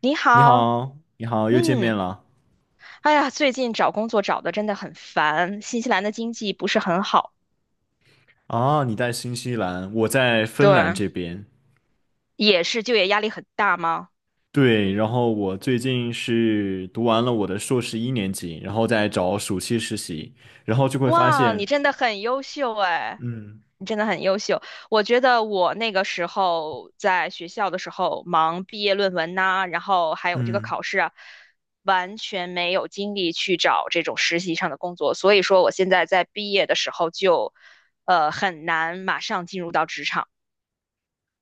你你好。好，你好，又见嗯，面了。哎呀，最近找工作找的真的很烦，新西兰的经济不是很好。啊，你在新西兰，我在芬兰对，这边。也是就业压力很大吗？对，然后我最近是读完了我的硕士一年级，然后在找暑期实习，然后就会发哇，你现，真的很优秀哎，嗯你真的很优秀。我觉得我那个时候在学校的时候忙毕业论文呐、然后还有这个嗯。考试啊，完全没有精力去找这种实习上的工作，所以说我现在在毕业的时候就，很难马上进入到职场。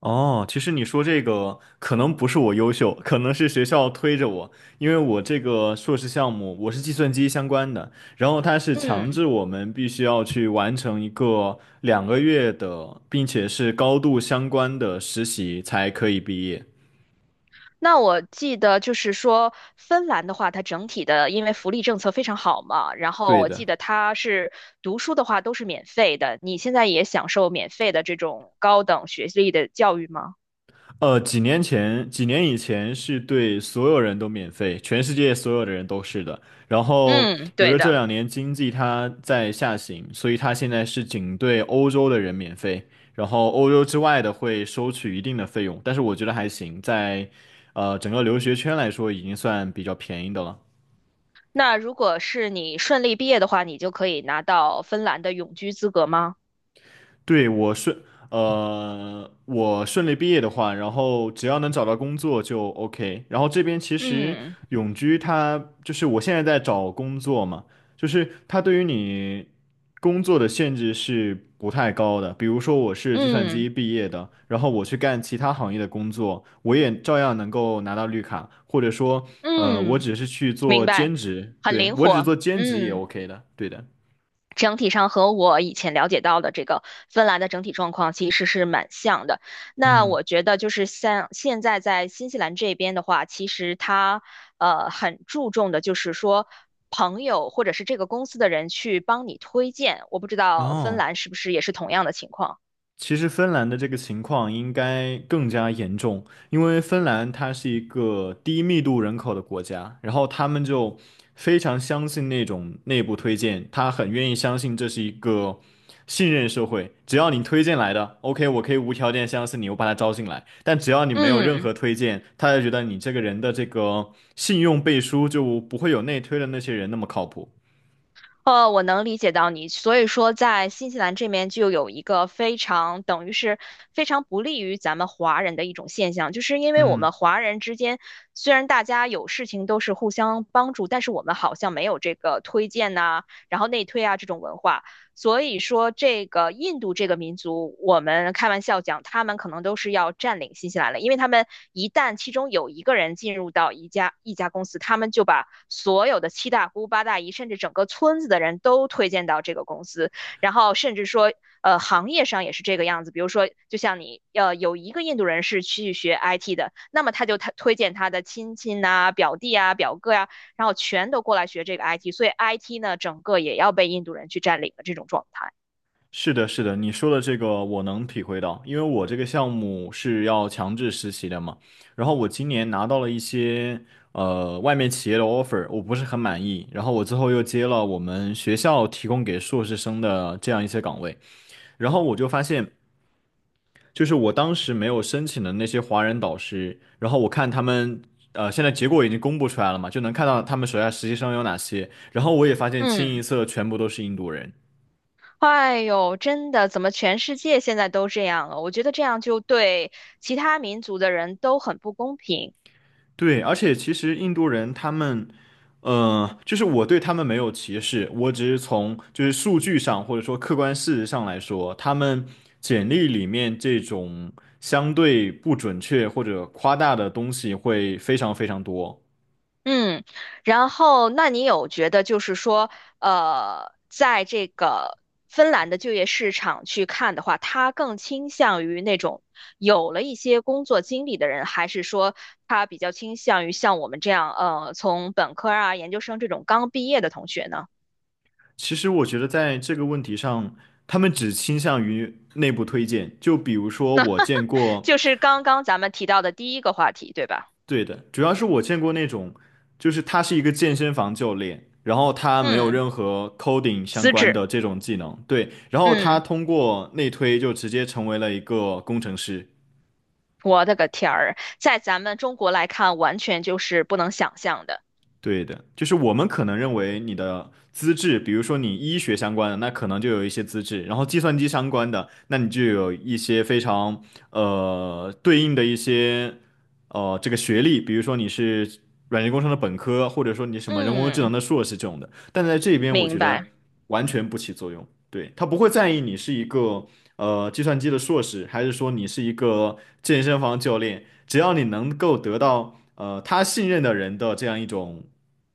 哦，其实你说这个可能不是我优秀，可能是学校推着我，因为我这个硕士项目我是计算机相关的，然后它是强嗯。制我们必须要去完成一个两个月的，并且是高度相关的实习才可以毕业。那我记得就是说，芬兰的话，它整体的因为福利政策非常好嘛，然后对我的。记得它是读书的话都是免费的，你现在也享受免费的这种高等学历的教育吗？几年前，几年以前是对所有人都免费，全世界所有的人都是的。然后，嗯，有对了这的。两年经济它在下行，所以它现在是仅对欧洲的人免费，然后欧洲之外的会收取一定的费用。但是我觉得还行，在整个留学圈来说，已经算比较便宜的了。那如果是你顺利毕业的话，你就可以拿到芬兰的永居资格吗？对，我顺利毕业的话，然后只要能找到工作就 OK。然后这边其实嗯永居它就是我现在在找工作嘛，就是它对于你工作的限制是不太高的。比如说我是计算机嗯毕业的，然后我去干其他行业的工作，我也照样能够拿到绿卡，或者说，我嗯，只是去明做白，兼职，很对，灵我只活。做兼职也 嗯。OK 的，对的。整体上和我以前了解到的这个芬兰的整体状况其实是蛮像的。那嗯，我觉得就是像现在在新西兰这边的话，其实它很注重的就是说朋友或者是这个公司的人去帮你推荐。我不知道芬哦。兰是不是也是同样的情况。其实芬兰的这个情况应该更加严重，因为芬兰它是一个低密度人口的国家，然后他们就非常相信那种内部推荐，他很愿意相信这是一个信任社会，只要你推荐来的，OK，我可以无条件相信你，我把他招进来，但只要你没有任嗯。何推荐，他就觉得你这个人的这个信用背书就不会有内推的那些人那么靠谱。我能理解到你，所以说在新西兰这边就有一个非常等于是非常不利于咱们华人的一种现象，就是因为我嗯。们华人之间虽然大家有事情都是互相帮助，但是我们好像没有这个推荐呐、然后内推啊这种文化，所以说这个印度这个民族，我们开玩笑讲，他们可能都是要占领新西兰了，因为他们一旦其中有一个人进入到一家公司，他们就把。所有的七大姑八大姨，甚至整个村子的人都推荐到这个公司，然后甚至说，行业上也是这个样子。比如说，就像你，有一个印度人是去学 IT 的，那么他推荐他的亲戚呐、表弟啊、表哥呀、然后全都过来学这个 IT。所以 IT 呢，整个也要被印度人去占领的这种状态。是的，是的，你说的这个我能体会到，因为我这个项目是要强制实习的嘛。然后我今年拿到了一些外面企业的 offer，我不是很满意。然后我最后又接了我们学校提供给硕士生的这样一些岗位。然后我就发现，就是我当时没有申请的那些华人导师，然后我看他们现在结果已经公布出来了嘛，就能看到他们手下实习生有哪些。然后我也发现清一嗯，色全部都是印度人。哎呦，真的，怎么全世界现在都这样了？我觉得这样就对其他民族的人都很不公平。对，而且其实印度人他们，就是我对他们没有歧视，我只是从就是数据上或者说客观事实上来说，他们简历里面这种相对不准确或者夸大的东西会非常非常多。嗯。然后那你有觉得就是说，在这个芬兰的就业市场去看的话，他更倾向于那种有了一些工作经历的人，还是说他比较倾向于像我们这样，从本科啊、研究生这种刚毕业的同学呢？其实我觉得在这个问题上，他们只倾向于内部推荐，就比如说我见过。就是刚刚咱们提到的第一个话题，对吧？对的，主要是我见过那种，就是他是一个健身房教练，然后他没有嗯，任何 coding 相资关质，的这种技能，对，然后他嗯，通过内推就直接成为了一个工程师。我的个天儿，在咱们中国来看，完全就是不能想象的。对的，就是我们可能认为你的资质，比如说你医学相关的，那可能就有一些资质，然后计算机相关的，那你就有一些非常对应的一些这个学历，比如说你是软件工程的本科，或者说你什么人工智能嗯，的硕士这种的，但在这边我明觉白。得完全不起作用，对，他不会在意你是一个。计算机的硕士，还是说你是一个健身房教练，只要你能够得到他信任的人的这样一种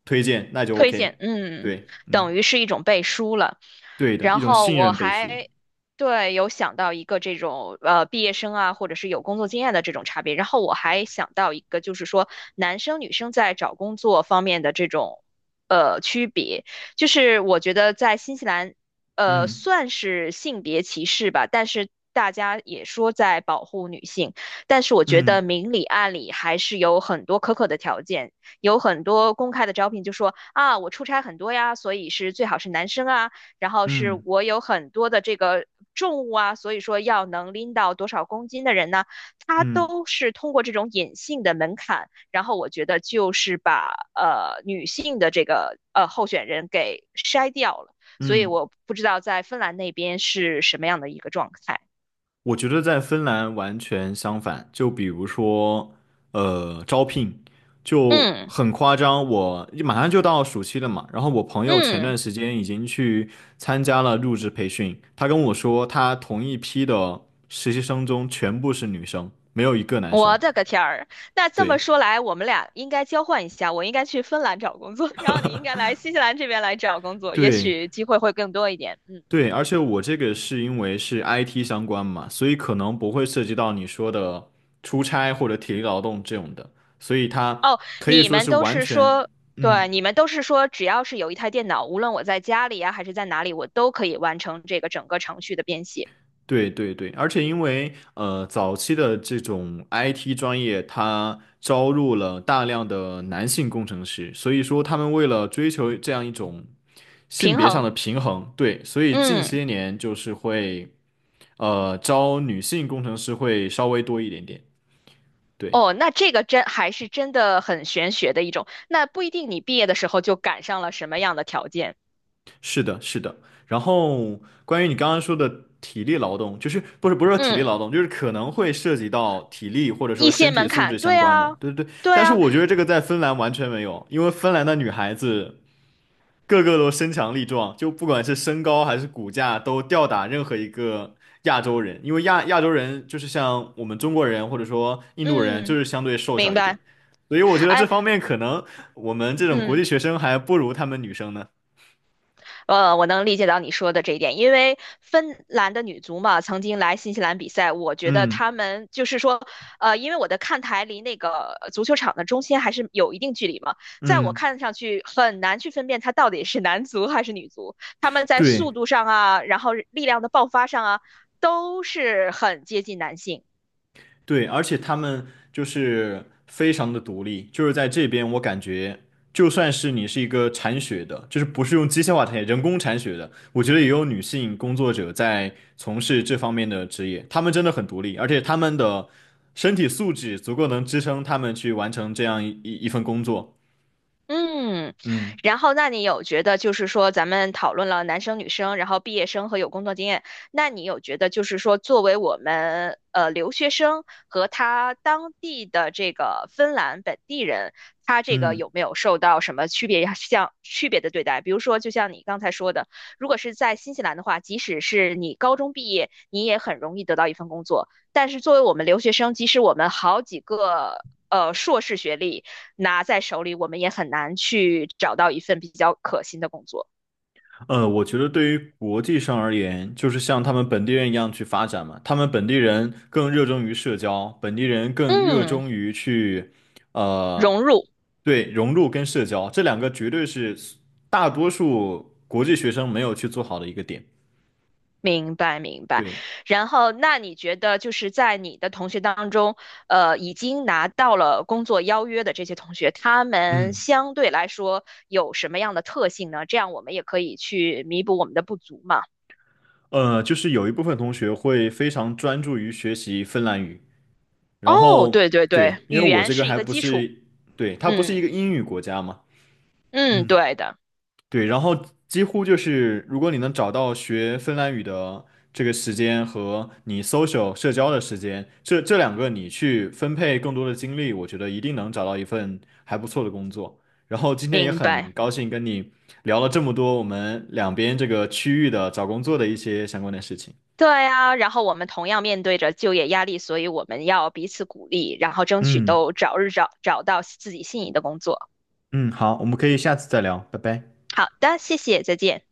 推荐，那就 推荐。OK。嗯，对，等嗯，于是一种背书了。对的，一然种后信我任背书。还对有想到一个这种毕业生啊，或者是有工作经验的这种差别。然后我还想到一个，就是说男生女生在找工作方面的这种区别，就是我觉得在新西兰嗯算是性别歧视吧，但是。大家也说在保护女性，但是我觉得嗯明里暗里还是有很多苛刻的条件，有很多公开的招聘就说啊，我出差很多呀，所以是最好是男生啊，然后是嗯我有很多的这个重物啊，所以说要能拎到多少公斤的人呢？他嗯嗯。都是通过这种隐性的门槛，然后我觉得就是把女性的这个候选人给筛掉了，所以嗯我不知道在芬兰那边是什么样的一个状态。我觉得在芬兰完全相反，就比如说，招聘就嗯很夸张。我马上就到暑期了嘛，然后我朋友前嗯，段时间已经去参加了入职培训，他跟我说，他同一批的实习生中全部是女生，没有一个男生。我的个天儿！那这么对说来，我们俩应该交换一下，我应该去芬兰找工作，然后你应该来新西兰这边来找工作，也对，许机会会更多一点。嗯。对，而且我这个是因为是 IT 相关嘛，所以可能不会涉及到你说的出差或者体力劳动这种的，所以它哦，可以你说们是都完是全，说，嗯，对，你们都是说，只要是有一台电脑，无论我在家里呀、还是在哪里，我都可以完成这个整个程序的编写对对对，而且因为早期的这种 IT 专业，它招入了大量的男性工程师，所以说他们为了追求这样一种性平别上衡。的平衡，对，所以近嗯。些年就是会招女性工程师会稍微多一点点，对。哦，那这个真还是真的很玄学的一种。那不一定你毕业的时候就赶上了什么样的条件，是的，是的。然后关于你刚刚说的体力劳动，不是说体力嗯，劳动，就是可能会涉及到体力或者说一身些体门素质槛，相对关的，啊，对对对。对但是啊，我觉得这个在芬兰完全没有，因为芬兰的女孩子个个都身强力壮，就不管是身高还是骨架都吊打任何一个亚洲人，因为亚洲人就是像我们中国人或者说印度人，就嗯，是相对瘦明小一点，白。所以我觉得这哎，方面可能我们这种国嗯。际学生还不如他们女生呢。我能理解到你说的这一点，因为芬兰的女足嘛，曾经来新西兰比赛，我觉得嗯她们就是说，因为我的看台离那个足球场的中心还是有一定距离嘛，在我嗯。看上去很难去分辨它到底是男足还是女足，他们在对速度上啊，然后力量的爆发上啊，都是很接近男性。对，而且他们就是非常的独立，就是在这边我感觉，就算是你是一个铲雪的，就是不是用机械化铲雪人工铲雪的，我觉得也有女性工作者在从事这方面的职业，他们真的很独立，而且他们的身体素质足够能支撑他们去完成这样一份工作。嗯。嗯然后那你有觉得就是说咱们讨论了男生女生，然后毕业生和有工作经验，那你有觉得就是说作为我们留学生和他当地的这个芬兰本地人，他这个嗯。有没有受到什么区别像区别的对待？比如说，就像你刚才说的，如果是在新西兰的话，即使是你高中毕业，你也很容易得到一份工作，但是作为我们留学生，即使我们好几个。硕士学历，拿在手里，我们也很难去找到一份比较可心的工作。我觉得对于国际上而言，就是像他们本地人一样去发展嘛。他们本地人更热衷于社交，本地人更热嗯，衷于去，呃，融入。对，融入跟社交，这两个绝对是大多数国际学生没有去做好的一个点。明白明白。对，然后，那你觉得就是在你的同学当中，已经拿到了工作邀约的这些同学，他们嗯，相对来说有什么样的特性呢？这样我们也可以去弥补我们的不足嘛。就是有一部分同学会非常专注于学习芬兰语，然哦，后对对对，对，因为语我言这个是一还个不基础。是，对，它不是一嗯个英语国家嘛。嗯，嗯。对的，对，然后几乎就是，如果你能找到学芬兰语的这个时间和你 social 社交的时间，这两个你去分配更多的精力，我觉得一定能找到一份还不错的工作。然后今天也明很白。高兴跟你聊了这么多我们两边这个区域的找工作的一些相关的事情。对啊，然后我们同样面对着就业压力，所以我们要彼此鼓励，然后争取嗯都早日找到自己心仪的工作。嗯，好，我们可以下次再聊，拜拜。好的，谢谢，再见。